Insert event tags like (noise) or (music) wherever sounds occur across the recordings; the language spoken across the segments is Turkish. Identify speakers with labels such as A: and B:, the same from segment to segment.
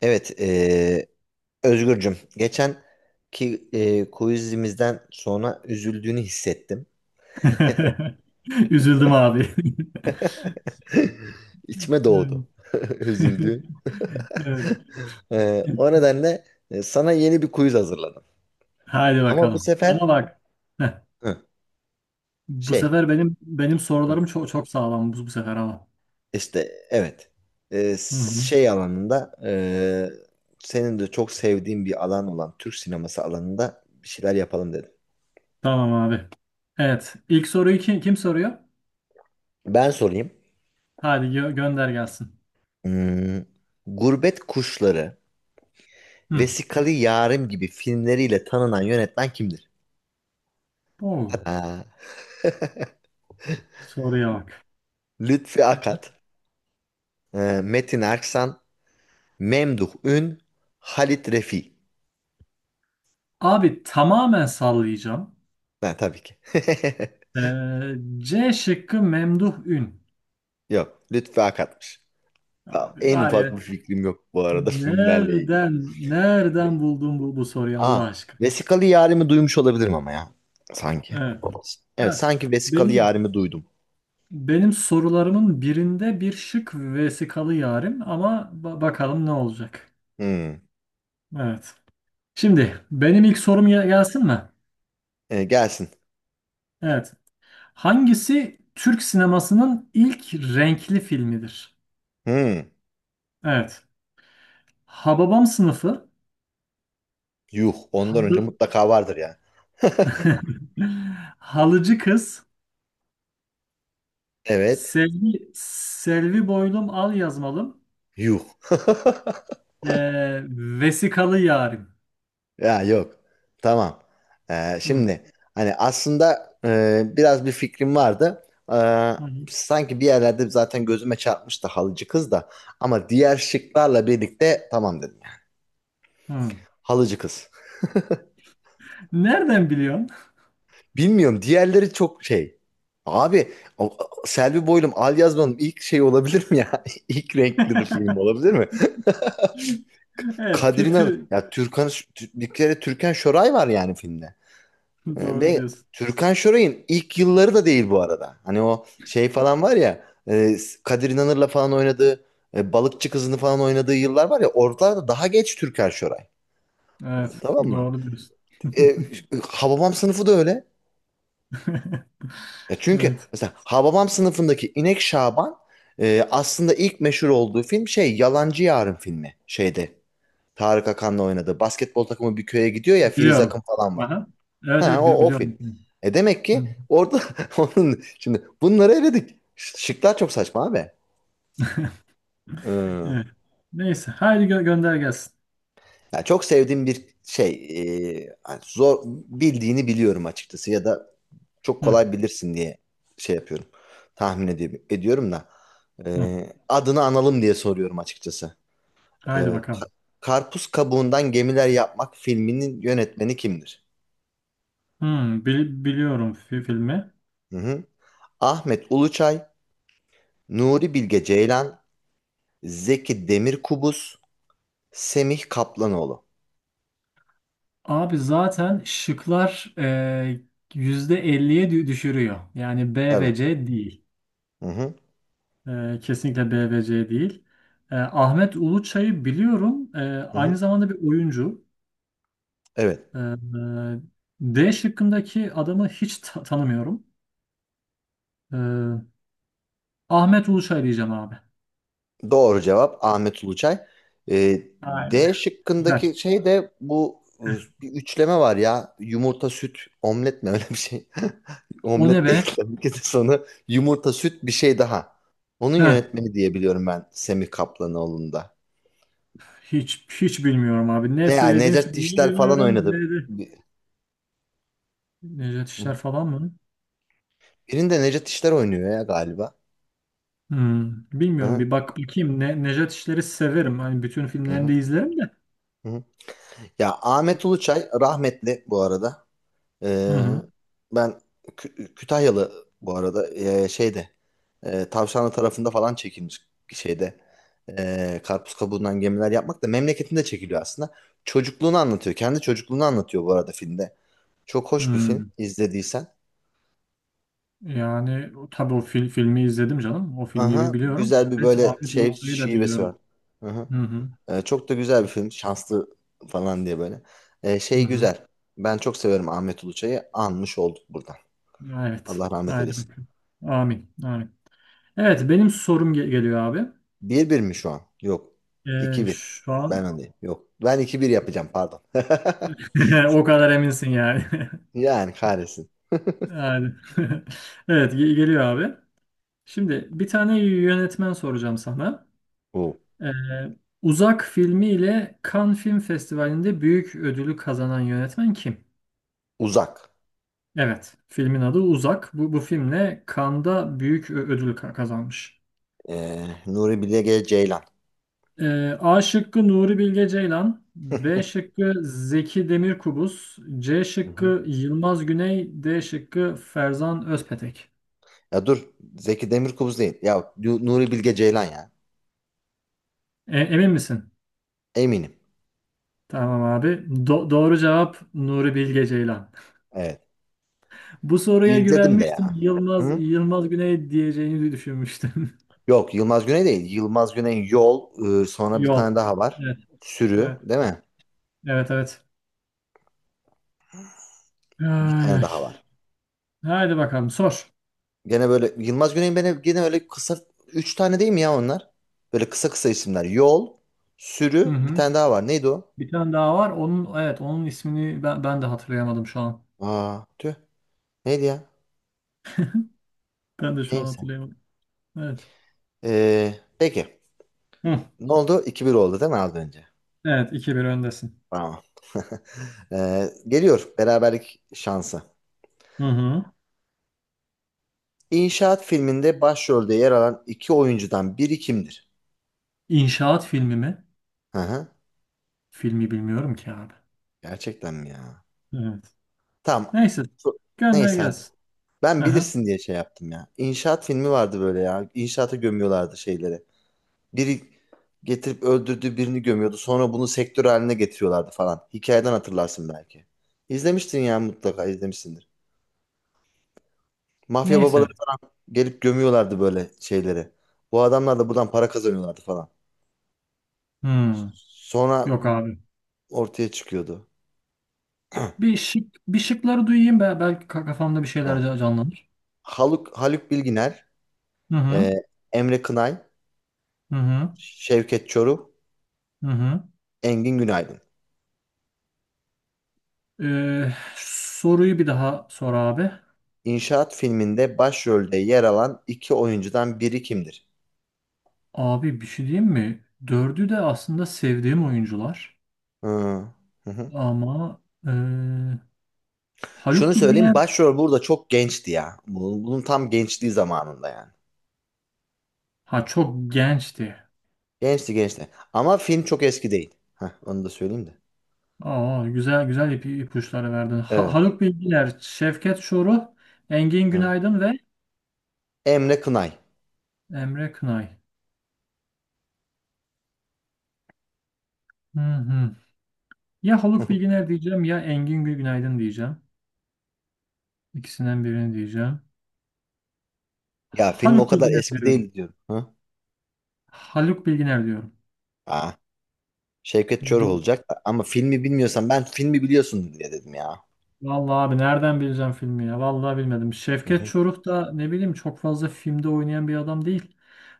A: Evet, Özgürcüm. Geçen ki quizimizden sonra üzüldüğünü hissettim.
B: (laughs) Üzüldüm abi. (laughs)
A: (laughs) İçime
B: Evet.
A: doğdu. (laughs)
B: (laughs)
A: Üzüldüğün.
B: Evet.
A: (laughs) O nedenle, sana yeni bir quiz hazırladım.
B: Haydi
A: Ama bu
B: bakalım.
A: sefer
B: Ama bak. heh,
A: hı,
B: Bu
A: şey
B: sefer benim
A: hı,
B: sorularım çok çok sağlam, bu sefer ama.
A: evet. Eee,
B: Hı hı.
A: Şey alanında, senin de çok sevdiğin bir alan olan Türk sineması alanında bir şeyler yapalım dedim.
B: Tamam abi. Evet. İlk soruyu kim soruyor?
A: Ben sorayım.
B: Hadi gönder gelsin.
A: Hmm, Gurbet Kuşları,
B: Hı.
A: Vesikalı Yarim gibi filmleriyle tanınan yönetmen kimdir?
B: Oo,
A: Ha,
B: soruya bak.
A: Lütfi Akat, e, Metin Erksan, Memduh Ün, Halit Refi.
B: Abi tamamen sallayacağım.
A: Ha, tabii ki.
B: C şıkkı Memduh Ün.
A: (laughs) Yok, Lütfi Akat'mış. Ha,
B: Abi
A: en
B: var ya,
A: ufak bir fikrim yok bu arada (laughs) filmlerle ilgili.
B: nereden buldun bu soruyu
A: Aa,
B: Allah aşkına?
A: Vesikalı Yarim'i duymuş olabilirim ama ya. Sanki.
B: Evet.
A: Evet,
B: Ya,
A: sanki Vesikalı
B: benim
A: Yarim'i duydum.
B: benim sorularımın birinde bir şık Vesikalı Yarim, ama bakalım ne olacak.
A: Hmm.
B: Evet. Şimdi benim ilk sorum gelsin mi?
A: E, gelsin.
B: Evet. Hangisi Türk sinemasının ilk renkli filmidir?
A: Hmm.
B: Evet. Hababam Sınıfı,
A: Yuh, ondan önce
B: Halı...
A: mutlaka vardır ya.
B: (laughs) Halıcı Kız,
A: Evet,
B: Selvi Boylum Al Yazmalım,
A: yuh. (laughs)
B: ee, Vesikalı Yarim.
A: Ya yok. Tamam.
B: Hı.
A: Şimdi hani aslında, biraz bir fikrim vardı. Ee,
B: Hı hı.
A: Sanki bir yerlerde zaten gözüme çarpmıştı halıcı kız da. Ama diğer şıklarla birlikte tamam dedim.
B: Hı.
A: Halıcı kız.
B: Nereden biliyorsun?
A: Bilmiyorum, diğerleri çok şey. Abi o- Selvi Boylum, Al Yazman'ın ilk şey olabilir mi ya? (laughs) İlk renkli film
B: (laughs)
A: olabilir mi?
B: Evet,
A: Kadir'in
B: kötü.
A: ya Türkan, bir kere Türkan Şoray var yani filmde.
B: (laughs) Doğru
A: Ve
B: diyorsun.
A: Türkan Şoray'ın ilk yılları da değil bu arada. Hani o şey falan var ya, e, Kadir İnanır'la falan oynadığı, Balıkçı Kızı'nı falan oynadığı yıllar var ya, oralarda daha geç Türkan Şoray.
B: Evet,
A: Tamam mı?
B: doğru diyorsun.
A: E, Hababam sınıfı da öyle.
B: (laughs)
A: Ya çünkü
B: Evet,
A: mesela Hababam sınıfındaki İnek Şaban, aslında ilk meşhur olduğu film şey Yalancı Yarın filmi şeyde. Tarık Akan'la oynadı. Basketbol takımı bir köye gidiyor ya, Filiz Akın
B: biliyorum.
A: falan var.
B: Aha. Evet,
A: Ha
B: evet,
A: o, o film.
B: biliyorum.
A: Demek ki
B: Hı.
A: orada (laughs) onun şimdi bunları eledik. Şıklar çok saçma abi. Ee,
B: Evet. Neyse, haydi gönder gelsin.
A: Ya çok sevdiğim bir şey, hani zor bildiğini biliyorum açıkçası ya da çok
B: Hı,
A: kolay bilirsin diye şey yapıyorum. Tahmin ediyorum da,
B: hı.
A: adını analım diye soruyorum açıkçası. Ee,
B: Haydi
A: Ka-
B: bakalım.
A: Karpuz Kabuğundan Gemiler Yapmak filminin yönetmeni kimdir?
B: Hı, Biliyorum filmi.
A: Hı hı. Ahmet Uluçay, Nuri Bilge Ceylan, Zeki Demirkubuz, Semih Kaplanoğlu.
B: Abi zaten şıklar yüzde elliye düşürüyor. Yani B
A: Tabii.
B: ve C değil.
A: Hı hı.
B: Kesinlikle BVC değil. Ahmet Uluçay'ı biliyorum.
A: Hı
B: Aynı
A: hı.
B: zamanda bir oyuncu.
A: Evet.
B: Ee, D şıkkındaki adamı hiç tanımıyorum. Ee, Ahmet Uluçay diyeceğim abi.
A: Doğru cevap Ahmet Uluçay.
B: Aynen.
A: D
B: Güzel.
A: şıkkındaki şey de bu, bir üçleme var ya. Yumurta, süt, omlet mi (laughs) öyle bir şey? (laughs)
B: O ne
A: Omlet değil
B: be?
A: tabii ki de sonu. Yumurta, süt, bir şey daha. Onun
B: Heh,
A: yönetmeni diye biliyorum ben, Semih Kaplanoğlu'nda.
B: Hiç hiç bilmiyorum abi. Ne
A: Ne ya,
B: söylediğim
A: Necat
B: filmi
A: İşler falan
B: bilmiyorum.
A: oynadı.
B: Ne de Nejat
A: Hı hı.
B: İşler falan mı?
A: Birinde Necat İşler oynuyor ya galiba. Hı
B: Bilmiyorum.
A: hı.
B: Bir bak bakayım. Nejat İşler'i severim. Hani bütün
A: Hı
B: filmlerini de
A: hı.
B: izlerim de.
A: Hı hı. Ya Ahmet Uluçay rahmetli bu arada.
B: Hı
A: Ee,
B: hı.
A: Ben Kütahyalı bu arada, şeyde, Tavşanlı tarafında falan çekilmiş şeyde, karpuz kabuğundan gemiler yapmak da memleketinde çekiliyor aslında. Çocukluğunu anlatıyor. Kendi çocukluğunu anlatıyor bu arada filmde. Çok hoş bir film,
B: Hmm.
A: izlediysen.
B: Yani tabii o filmi izledim canım. O filmi bir
A: Aha,
B: biliyorum.
A: güzel bir
B: Ahmet,
A: böyle
B: Ahmet
A: şey
B: Ulusoy'u da
A: şivesi var.
B: biliyorum.
A: Aha.
B: Hı hı.
A: Çok da güzel bir film. Şanslı falan diye böyle.
B: Hı
A: Şey
B: hı.
A: güzel. Ben çok severim Ahmet Uluçay'ı. Anmış olduk buradan.
B: Evet.
A: Allah rahmet
B: Haydi
A: eylesin.
B: bakalım. Amin. Amin. Evet benim sorum geliyor abi.
A: 1-1 mi şu an? Yok. 2-1.
B: Şu
A: Ben
B: an
A: öndeyim. Yok. Ben 2-1 yapacağım, pardon. (laughs)
B: (laughs) o kadar eminsin yani. (laughs)
A: Yani kahretsin.
B: Yani. (laughs) Evet, geliyor abi. Şimdi bir tane yönetmen soracağım sana.
A: Bu
B: Ee, Uzak filmi ile Cannes Film Festivali'nde büyük ödülü kazanan yönetmen kim?
A: Uzak.
B: Evet, filmin adı Uzak. Bu filmle Cannes'da büyük ödül kazanmış.
A: Nuri Bilge Ceylan.
B: A şıkkı Nuri Bilge Ceylan, B şıkkı Zeki Demirkubuz, C
A: Hı hı.
B: şıkkı Yılmaz Güney, D şıkkı Ferzan Özpetek.
A: Ya dur. Zeki Demirkubuz değil. Ya, Nuri Bilge Ceylan ya.
B: Emin misin?
A: Eminim.
B: Tamam abi. Doğru cevap Nuri Bilge Ceylan.
A: Evet.
B: (laughs) Bu soruya
A: İzledim de
B: güvenmiştim.
A: ya.
B: Yılmaz
A: Hı?
B: Yılmaz Güney diyeceğini düşünmüştüm.
A: Yok, Yılmaz Güney değil. Yılmaz Güney Yol.
B: (laughs)
A: Sonra bir tane
B: Yol.
A: daha var.
B: Evet,
A: Sürü
B: evet,
A: değil mi?
B: evet, evet.
A: Bir
B: Ay,
A: tane
B: ay.
A: daha var.
B: Haydi bakalım sor.
A: Gene böyle Yılmaz Güney'in, beni gene öyle kısa, 3 tane değil mi ya onlar? Böyle kısa kısa isimler. Yol,
B: Hı
A: sürü, bir
B: hı.
A: tane daha var. Neydi o?
B: Bir tane daha var. Onun, evet, onun ismini ben de hatırlayamadım şu an.
A: Aa, tüh. Neydi ya?
B: Ben de şu an
A: Neyse.
B: hatırlayamadım. Evet.
A: Peki.
B: Hı.
A: Ne oldu? 2 bir oldu değil mi az önce?
B: Evet, iki bir öndesin.
A: Tamam. (laughs) Geliyor beraberlik şansı.
B: Hı hı.
A: İnşaat filminde başrolde yer alan iki oyuncudan biri kimdir?
B: İnşaat filmi mi?
A: Hı hı.
B: Filmi bilmiyorum ki abi.
A: Gerçekten mi ya?
B: Evet.
A: Tamam.
B: Neyse. Gönder
A: Neyse hadi.
B: gelsin.
A: Ben
B: Hı hı.
A: bilirsin diye şey yaptım ya. İnşaat filmi vardı böyle ya. İnşaata gömüyorlardı şeyleri. Biri getirip öldürdüğü birini gömüyordu. Sonra bunu sektör haline getiriyorlardı falan. Hikayeden hatırlarsın belki. İzlemiştin ya, mutlaka izlemişsindir. Mafya babaları
B: Neyse.
A: gelip gömüyorlardı böyle şeyleri. Bu adamlar da buradan para kazanıyorlardı falan.
B: Hmm.
A: Sonra
B: Yok abi.
A: ortaya çıkıyordu. (clears throat)
B: Bir şıkları duyayım be. Belki kafamda bir şeyler
A: Tamam.
B: canlanır.
A: Haluk Bilginer,
B: Hı
A: e,
B: hı.
A: Emre Kınay,
B: Hı hı.
A: Şevket Çoruh,
B: Hı hı.
A: Engin Günaydın.
B: Soruyu bir daha sor abi.
A: İnşaat filminde başrolde yer alan iki oyuncudan biri kimdir?
B: Abi bir şey diyeyim mi? Dördü de aslında sevdiğim oyuncular.
A: Hı, hı hı.
B: Ama e,
A: Şunu
B: Haluk
A: söyleyeyim,
B: Bilginer
A: başrol burada çok gençti ya. Bunun tam gençliği zamanında yani.
B: ha çok gençti.
A: Gençti gençti. Ama film çok eski değil. Heh, onu da söyleyeyim de.
B: Aa, güzel güzel ipuçları verdin.
A: Evet,
B: Haluk Bilginer, Şevket Çoruh, Engin
A: evet.
B: Günaydın ve
A: Emre Kınay.
B: Emre Kınay. Hı hı. Ya Haluk
A: (laughs)
B: Bilginer diyeceğim ya Engin Günaydın diyeceğim. İkisinden birini diyeceğim.
A: Ya film o
B: Haluk
A: kadar
B: Bilginer
A: eski
B: diyorum.
A: değil diyorum. Hı?
B: Haluk Bilginer diyorum.
A: Aa, Şevket Çoruh olacak ama filmi bilmiyorsan, ben filmi biliyorsun diye dedim ya.
B: Vallahi abi nereden bileceğim filmi ya? Vallahi bilmedim.
A: Hı
B: Şevket
A: hı.
B: Çoruh da ne bileyim, çok fazla filmde oynayan bir adam değil.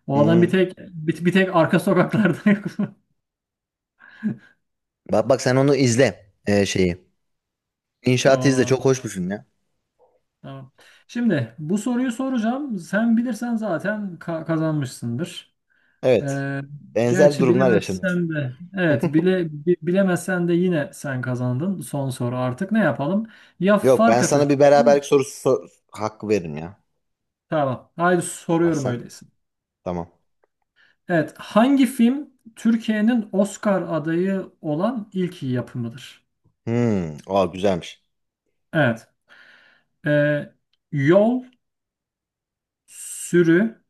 B: O adam
A: Hmm.
B: bir tek arka sokaklarda yok. (laughs)
A: Bak bak, sen onu izle şeyi. İnşaatı
B: Tamam
A: izle,
B: abi.
A: çok hoş bir film ya.
B: Tamam. Şimdi bu soruyu soracağım. Sen bilirsen zaten kazanmışsındır.
A: Evet.
B: Ee,
A: Benzer
B: Gerçi
A: durumlar yaşanır.
B: bilemezsen de, evet, bilemezsen de yine sen kazandın. Son soru artık ne yapalım? Ya
A: Yok,
B: fark
A: ben sana bir
B: atacaksın.
A: beraberlik sorusu hakkı veririm ya.
B: Tamam. Haydi soruyorum
A: Versen.
B: öyleyse.
A: Tamam.
B: Evet, hangi film Türkiye'nin Oscar adayı olan ilk yapımıdır?
A: Hmm. Aa, güzelmiş.
B: Evet, e, Yol, Sürü,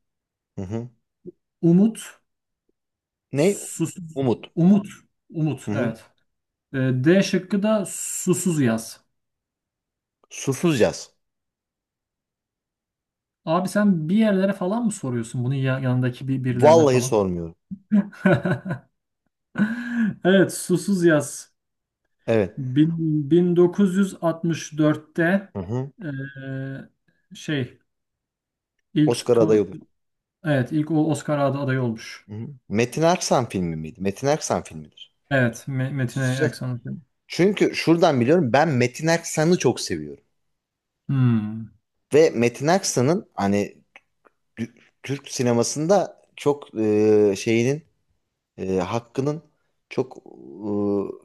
A: Hı hı.
B: Umut,
A: Ne?
B: Susuz,
A: Umut.
B: Umut, Umut,
A: Hı hı.
B: evet. E, D şıkkı da Susuz Yaz.
A: Susuz yaz.
B: Abi sen bir yerlere falan mı soruyorsun bunun yanındaki bir birilerine
A: Vallahi
B: falan?
A: sormuyorum.
B: (laughs) Evet, Susuz Yaz.
A: Evet.
B: 1964'te
A: Hı hı.
B: e, şey ilk
A: Oscar adayı olur.
B: Evet, ilk Oscar adayı olmuş.
A: Hı hı. Metin Erksan filmi miydi? Metin Erksan filmidir.
B: Evet, Metin
A: Susuz yaz.
B: Aksan'ın.
A: Çünkü şuradan biliyorum, ben Metin Erksan'ı çok seviyorum.
B: Hmm.
A: Ve Metin Erksan'ın hani Tü- Türk sinemasında çok, şeyinin, hakkının çok,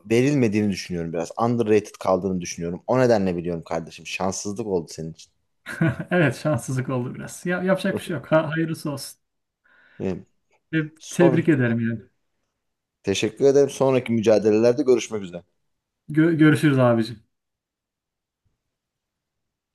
A: verilmediğini düşünüyorum biraz. Underrated kaldığını düşünüyorum. O nedenle biliyorum kardeşim. Şanssızlık oldu senin için.
B: (laughs) Evet, şanssızlık oldu biraz. Ya, yapacak bir
A: (laughs)
B: şey yok. Ha, hayırlısı olsun.
A: Evet. Son,
B: Tebrik ederim yani.
A: teşekkür ederim. Sonraki mücadelelerde görüşmek üzere.
B: Görüşürüz abici.